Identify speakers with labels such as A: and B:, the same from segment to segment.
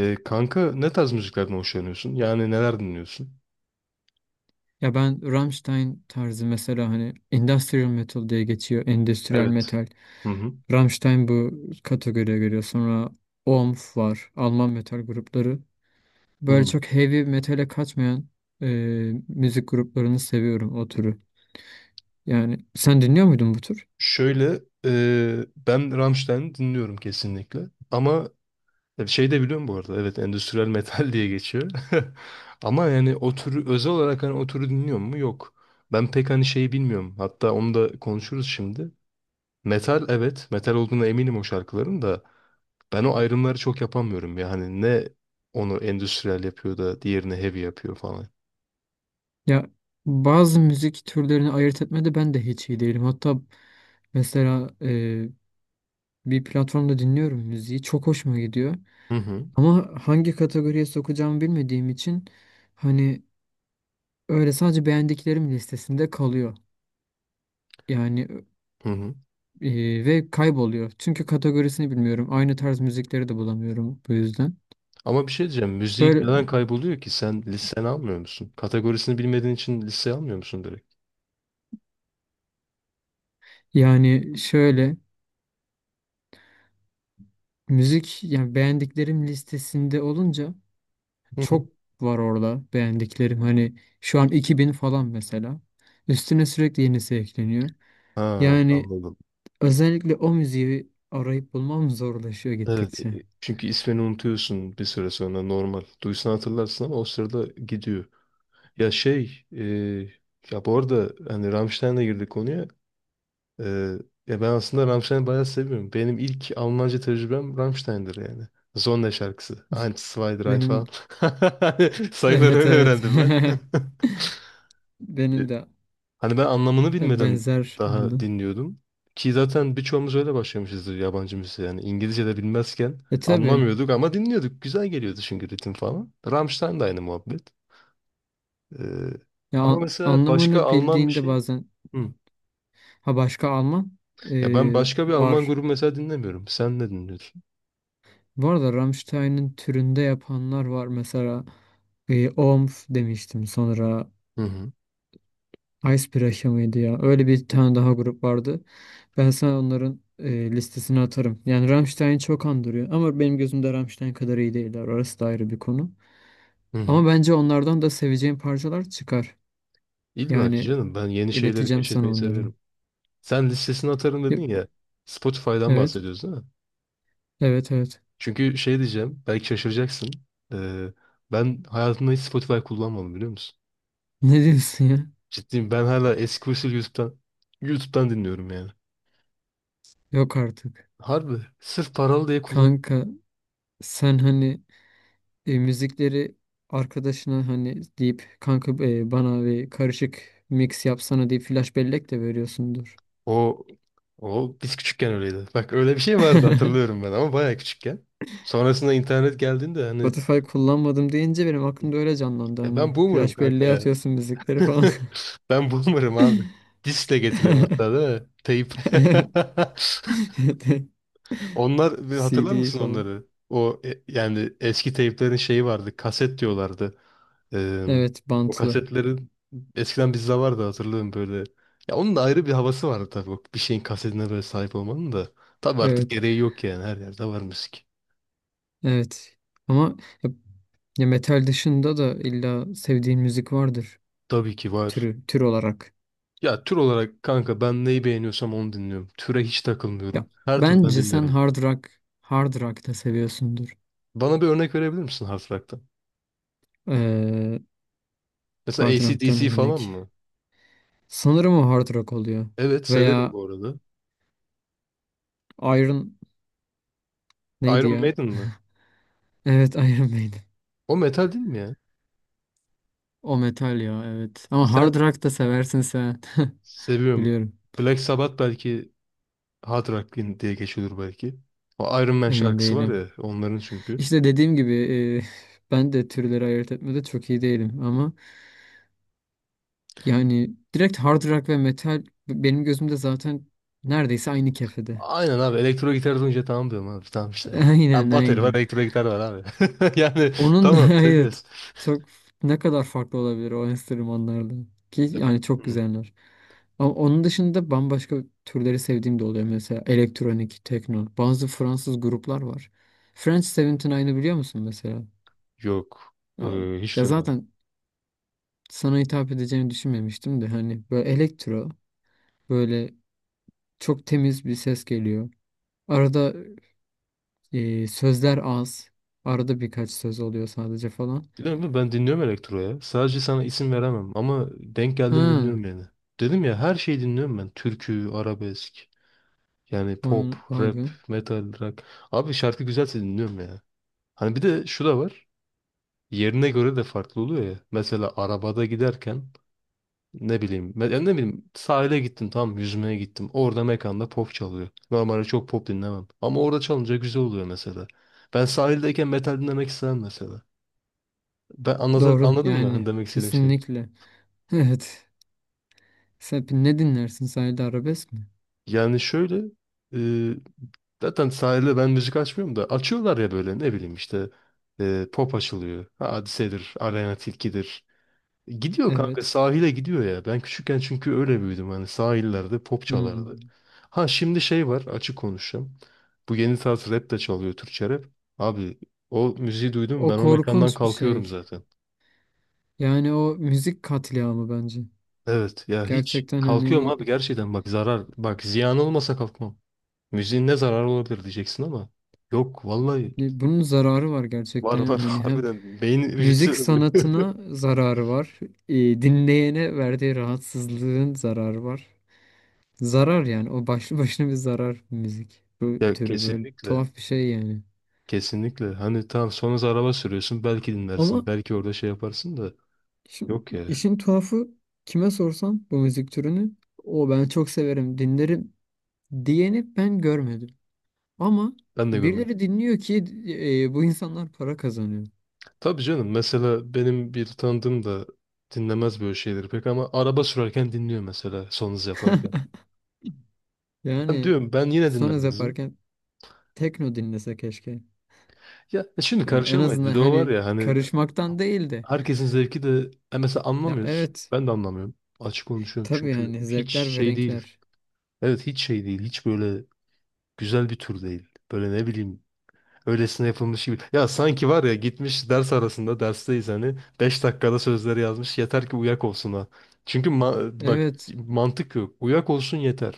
A: Kanka ne tarz müziklerden hoşlanıyorsun? Yani neler dinliyorsun?
B: Ya ben Rammstein tarzı mesela hani industrial metal diye geçiyor. Endüstriyel
A: Evet.
B: metal.
A: Hı hı.
B: Rammstein bu kategoriye giriyor. Sonra OMF var. Alman metal grupları. Böyle
A: Hı.
B: çok heavy metale kaçmayan e, müzik gruplarını seviyorum o türü. Yani sen dinliyor muydun bu tür?
A: Şöyle ben Rammstein'i dinliyorum kesinlikle. Ama şey de biliyorum bu arada. Evet, endüstriyel metal diye geçiyor. Ama yani o türü özel olarak hani o türü dinliyor mu? Yok. Ben pek hani şeyi bilmiyorum. Hatta onu da konuşuruz şimdi. Metal, evet. Metal olduğuna eminim o şarkıların da. Ben o ayrımları çok yapamıyorum. Yani ne onu endüstriyel yapıyor da diğerini heavy yapıyor falan.
B: Ya bazı müzik türlerini ayırt etmede ben de hiç iyi değilim. Hatta mesela bir platformda dinliyorum müziği. Çok hoşuma gidiyor.
A: Hı hı.
B: Ama hangi kategoriye sokacağımı bilmediğim için hani öyle sadece beğendiklerim listesinde kalıyor. Yani
A: Hı hı.
B: ve kayboluyor. Çünkü kategorisini bilmiyorum. Aynı tarz müzikleri de bulamıyorum bu yüzden.
A: Ama bir şey diyeceğim. Müzik
B: Böyle
A: neden kayboluyor ki? Sen listeni almıyor musun? Kategorisini bilmediğin için listeye almıyor musun direkt?
B: yani şöyle müzik yani beğendiklerim listesinde olunca
A: Hı hı.
B: çok var orada beğendiklerim. Hani şu an 2000 falan mesela. Üstüne sürekli yenisi ekleniyor.
A: Ha,
B: Yani
A: anladım.
B: özellikle o müziği arayıp bulmam zorlaşıyor
A: Evet,
B: gittikçe.
A: çünkü ismini unutuyorsun bir süre sonra normal. Duysan hatırlarsın ama o sırada gidiyor. Ya şey, e, ya bu arada hani Rammstein'le girdik konuya. E, ya ben aslında Rammstein'i bayağı seviyorum. Benim ilk Almanca tecrübem Rammstein'dir yani. Zonda şarkısı. Eins, zwei, drei
B: Benim
A: falan. Sayıları
B: evet
A: öyle
B: evet.
A: öğrendim ben.
B: Benim de
A: Hani ben anlamını bilmeden
B: benzer
A: daha
B: buldum.
A: dinliyordum. Ki zaten birçoğumuz öyle başlamışızdır yabancı müziğe. Yani İngilizce de bilmezken
B: E tabii
A: anlamıyorduk ama dinliyorduk. Güzel geliyordu çünkü ritim falan. Rammstein de aynı muhabbet. Ee,
B: ya
A: ama mesela başka
B: anlamını
A: Alman bir
B: bildiğinde
A: şey.
B: bazen
A: Hı.
B: ha başka Alman
A: Ya ben başka bir Alman
B: var.
A: grubu mesela dinlemiyorum. Sen ne dinliyorsun?
B: Bu arada Rammstein'in türünde yapanlar var. Mesela Omf demiştim sonra
A: Hı hı.
B: Icebreaker mıydı ya? Öyle bir tane daha grup vardı. Ben sana onların listesini atarım. Yani Rammstein'i çok andırıyor. Ama benim gözümde Rammstein kadar iyi değiller. Orası da ayrı bir konu.
A: Hı hı.
B: Ama bence onlardan da seveceğim parçalar çıkar.
A: İlla ki
B: Yani
A: canım, ben yeni şeyleri
B: ileteceğim sana
A: keşfetmeyi
B: onları.
A: seviyorum. Sen listesini atarım
B: Yep.
A: dedin ya. Spotify'dan
B: Evet.
A: bahsediyoruz değil mi?
B: Evet, evet.
A: Çünkü şey diyeceğim, belki şaşıracaksın. Ee, ben hayatımda hiç Spotify kullanmadım, biliyor musun?
B: Ne diyorsun ya?
A: Ciddiyim, ben hala eski usul YouTube'dan YouTube'dan dinliyorum yani.
B: Yok artık.
A: Harbi sırf paralı diye kullan.
B: Kanka sen hani müzikleri arkadaşına hani deyip kanka bana bir karışık mix yapsana deyip flash bellek de veriyorsundur.
A: O o biz küçükken öyleydi. Bak öyle bir şey vardı, hatırlıyorum ben, ama bayağı küçükken. Sonrasında internet geldiğinde hani
B: Spotify kullanmadım deyince benim aklımda öyle canlandı
A: ya ben
B: hani.
A: boomer'ım
B: Flash
A: kanka
B: belleğe
A: ya.
B: atıyorsun müzikleri falan.
A: Ben boomer'ım abi. Diskle getiriyorum hatta değil mi? Teyip. Onlar, hatırlar
B: CD
A: mısın
B: falan.
A: onları? O yani eski teyplerin şeyi vardı. Kaset diyorlardı. Ee,
B: Evet,
A: o
B: bantlı.
A: kasetlerin eskiden bizde vardı, hatırlıyorum böyle. Ya onun da ayrı bir havası vardı tabii. O bir şeyin kasetine böyle sahip olmanın da. Tabii artık
B: Evet,
A: gereği yok yani. Her yerde var müzik.
B: evet. Ama ya, ya metal dışında da illa sevdiğin müzik vardır
A: Tabii ki var.
B: türü, tür olarak.
A: Ya tür olarak kanka ben neyi beğeniyorsam onu dinliyorum. Türe hiç
B: Ya
A: takılmıyorum. Her türden
B: bence sen
A: dinlerim.
B: hard rock, hard rock da seviyorsundur.
A: Bana bir örnek verebilir misin hard rock'tan?
B: Ee,
A: Mesela
B: hard rock'tan
A: AC/DC falan
B: örnek.
A: mı?
B: Sanırım o hard rock oluyor.
A: Evet, severim
B: Veya
A: bu arada.
B: Iron neydi
A: Iron
B: ya?
A: Maiden mi?
B: Evet, Iron Maiden.
A: O metal değil mi ya?
B: O metal ya, evet. Ama hard
A: Sen
B: rock da seversin sen.
A: seviyorum.
B: Biliyorum.
A: Black Sabbath belki Hard Rock din- diye geçiyordur belki. O Iron Man
B: Emin
A: şarkısı var
B: değilim.
A: ya onların çünkü.
B: İşte dediğim gibi ben de türleri ayırt etmede çok iyi değilim ama yani direkt hard rock ve metal benim gözümde zaten neredeyse aynı kefede.
A: Aynen abi, elektro gitar duyunca tamam diyorum abi, tamam işte. Ya. Abi,
B: Aynen,
A: bateri var,
B: aynen.
A: elektro gitar var abi. Yani
B: Onun da
A: tamam, seviyoruz.
B: evet çok ne kadar farklı olabilir o enstrümanlardan ki
A: Ya,
B: yani çok
A: hı,
B: güzeller. Ama onun dışında bambaşka türleri sevdiğim de oluyor mesela elektronik, tekno. Bazı Fransız gruplar var. French 79'ı biliyor musun mesela?
A: yok.
B: Ya,
A: Hiç
B: ya
A: duymadım.
B: zaten sana hitap edeceğini düşünmemiştim de hani böyle elektro böyle çok temiz bir ses geliyor. Arada sözler az. Arada birkaç söz oluyor sadece falan.
A: Biliyor musun, ben dinliyorum elektro ya. Sadece sana isim veremem ama denk
B: Ha,
A: geldiğimi dinliyorum yani. Dedim ya, her şeyi dinliyorum ben. Türkü, arabesk, yani pop,
B: vay, vay
A: rap,
B: be.
A: metal, rock. Abi, şarkı güzelse dinliyorum ya. Hani bir de şu da var. Yerine göre de farklı oluyor ya. Mesela arabada giderken ne bileyim ben, ne bileyim, sahile gittim, tamam, yüzmeye gittim. Orada mekanda pop çalıyor. Normalde çok pop dinlemem. Ama orada çalınca güzel oluyor mesela. Ben sahildeyken metal dinlemek istemem mesela. Ben anlata,
B: Doğru
A: anladın mı hani
B: yani
A: demek istediğim şey?
B: kesinlikle. Evet. Sen ne dinlersin? Sadece arabesk mi?
A: Yani şöyle e, zaten sahilde ben müzik açmıyorum da açıyorlar ya, böyle ne bileyim işte pop açılıyor. Hadise'dir, Aleyna Tilki'dir. Gidiyor kanka,
B: Evet.
A: sahile gidiyor ya. Ben küçükken çünkü öyle büyüdüm. Hani sahillerde pop çalardı.
B: Hmm.
A: Ha şimdi şey var, açık konuşacağım. Bu yeni tarz rap de çalıyor, Türkçe rap. Abi, o müziği duydum
B: O
A: ben, o mekandan
B: korkunç bir
A: kalkıyorum
B: şey.
A: zaten.
B: Yani o müzik katliamı bence.
A: Evet ya, hiç
B: Gerçekten
A: kalkıyorum
B: hani
A: abi gerçekten, bak zarar, bak ziyan olmasa kalkmam. Müziğin ne zararı olabilir diyeceksin ama yok vallahi,
B: bunun zararı var gerçekten
A: var
B: ya.
A: var
B: Hani hem
A: harbiden beyin hücresi
B: müzik
A: ölüyor.
B: sanatına zararı var. Dinleyene verdiği rahatsızlığın zararı var. Zarar yani o başlı başına bir zarar müzik. Bu
A: Ya
B: türü böyle
A: kesinlikle.
B: tuhaf bir şey yani.
A: Kesinlikle. Hani tamam, sonra araba sürüyorsun. Belki dinlersin.
B: Ama
A: Belki orada şey yaparsın da.
B: şimdi
A: Yok ya.
B: işin tuhafı kime sorsam bu müzik türünü o ben çok severim dinlerim diyeni ben görmedim. Ama
A: Ben de görmedim.
B: birileri dinliyor ki bu insanlar para kazanıyor.
A: Tabii canım. Mesela benim bir tanıdığım da dinlemez böyle şeyleri pek, ama araba sürerken dinliyor mesela, son hız yaparken. Ben
B: Yani
A: diyorum ben yine
B: Sonuz
A: dinlemezdim.
B: yaparken tekno dinlese keşke.
A: Ya şimdi
B: Yani en
A: karışamayız.
B: azından
A: Bir de o var
B: hani
A: ya hani
B: karışmaktan değil de.
A: herkesin zevki de mesela
B: Ya
A: anlamıyoruz.
B: evet,
A: Ben de anlamıyorum. Açık konuşuyorum
B: tabii
A: çünkü
B: hani
A: hiç
B: zevkler ve
A: şey değil.
B: renkler.
A: Evet, hiç şey değil. Hiç böyle güzel bir tür değil. Böyle ne bileyim öylesine yapılmış gibi. Ya sanki var ya, gitmiş ders arasında, dersteyiz hani, 5 dakikada sözleri yazmış yeter ki uyak olsun, ha. Çünkü ma- bak
B: Evet.
A: mantık yok. Uyak olsun yeter.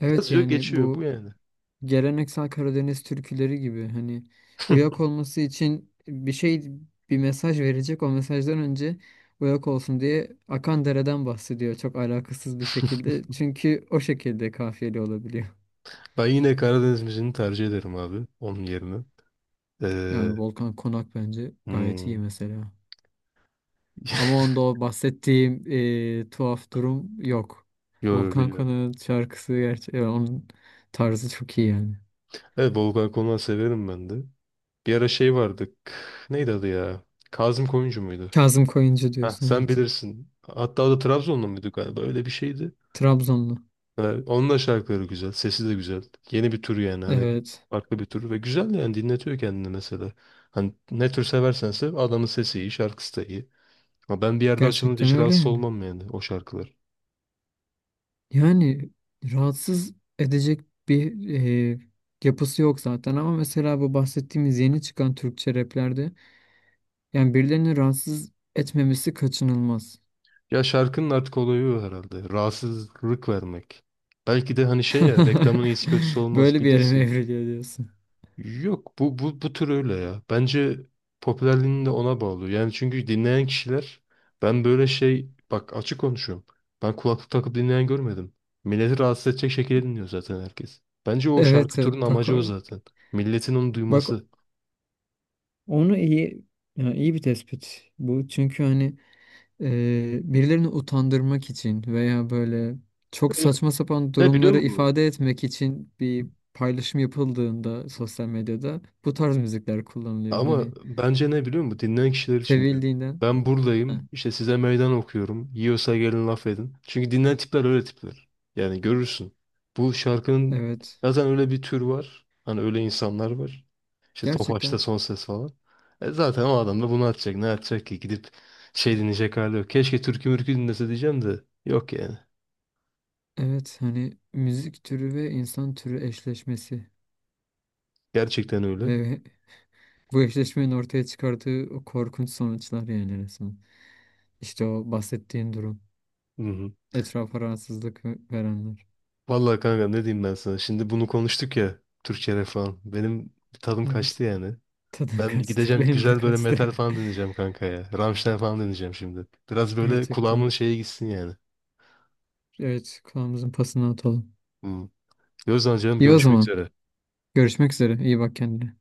B: Evet
A: Yazıyor
B: yani
A: geçiyor bu
B: bu
A: yani.
B: geleneksel Karadeniz türküleri gibi hani uyak olması için bir şey bir mesaj verecek o mesajdan önce uyak olsun diye akan dereden bahsediyor çok alakasız bir şekilde çünkü o şekilde kafiyeli olabiliyor.
A: Ben yine Karadeniz müziğini tercih ederim abi, onun yerine. Ee,
B: Yani Volkan Konak bence gayet iyi
A: hmm.
B: mesela. Ama onda o bahsettiğim tuhaf durum yok.
A: Yo, yo,
B: Volkan
A: biliyorum.
B: Konak'ın şarkısı gerçi onun tarzı çok iyi yani.
A: Evet, Volkan Konak'ı severim ben de. Bir ara şey vardı. K- neydi adı ya? Kazım Koyuncu muydu?
B: Kazım Koyuncu
A: Heh.
B: diyorsun,
A: Sen
B: evet.
A: bilirsin. Hatta o da Trabzonlu muydu galiba? Öyle bir şeydi.
B: Trabzonlu.
A: Evet, onun da şarkıları güzel. Sesi de güzel. Yeni bir tür yani hani
B: Evet.
A: farklı bir tür ve güzel, yani dinletiyor kendini mesela. Hani ne tür seversen sev, adamın sesi iyi, şarkısı da iyi. Ama ben bir yerde açılınca
B: Gerçekten
A: hiç
B: öyle
A: rahatsız
B: yani.
A: olmam yani o şarkılar.
B: Yani rahatsız edecek bir e, yapısı yok zaten ama mesela bu bahsettiğimiz yeni çıkan Türkçe raplerde yani birilerini rahatsız etmemesi kaçınılmaz.
A: Ya şarkının artık olayı o herhalde. Rahatsızlık vermek. Belki de hani şey ya, reklamın iyisi kötüsü olmaz,
B: Böyle bir yere mi
A: bilirsin.
B: evriliyor diyorsun?
A: Yok bu tür öyle ya. Bence popülerliğini de ona bağlı. Yani çünkü dinleyen kişiler, ben böyle şey bak, açık konuşuyorum. Ben kulaklık takıp dinleyen görmedim. Milleti rahatsız edecek şekilde dinliyor zaten herkes. Bence o şarkı
B: Evet, evet,
A: turun
B: bak
A: amacı o zaten. Milletin onu
B: bak
A: duyması.
B: onu iyi yani iyi bir tespit bu çünkü hani birilerini utandırmak için veya böyle çok
A: Evet.
B: saçma sapan
A: Ne biliyor
B: durumları
A: musun?
B: ifade etmek için bir paylaşım yapıldığında sosyal medyada bu tarz müzikler kullanılıyor.
A: Ama
B: Hani
A: bence ne biliyor musun? Dinleyen kişiler için diyorum.
B: sevildiğinden.
A: Ben
B: Heh.
A: buradayım, işte size meydan okuyorum. Yiyorsa gelin laf edin. Çünkü dinleyen tipler öyle tipler. Yani görürsün. Bu şarkının
B: Evet.
A: zaten öyle bir tür var. Hani öyle insanlar var. İşte Tofaş'ta
B: Gerçekten
A: son ses falan. E zaten o adam da bunu atacak. Ne atacak ki? Gidip şey dinleyecek hali yok. Keşke türkü mürkü dinlese diyeceğim de. Yok yani.
B: evet hani müzik türü ve insan türü eşleşmesi
A: Gerçekten öyle.
B: ve bu eşleşmenin ortaya çıkardığı o korkunç sonuçlar yani resmen. İşte o bahsettiğin durum.
A: Hı hı.
B: Etrafa rahatsızlık verenler.
A: Vallahi kanka ne diyeyim ben sana. Şimdi bunu konuştuk ya. Türkçe rap falan. Benim tadım kaçtı
B: Evet.
A: yani.
B: Tadın
A: Ben
B: kaçtı.
A: gideceğim,
B: Benim de
A: güzel böyle
B: kaçtı.
A: metal falan dinleyeceğim kanka ya. Rammstein falan dinleyeceğim şimdi. Biraz böyle kulağımın
B: Gerçekten.
A: şeye gitsin yani.
B: Evet, kulağımızın pasını atalım.
A: Hmm. O zaman canım,
B: İyi o
A: görüşmek
B: zaman.
A: üzere.
B: Görüşmek üzere. İyi bak kendine.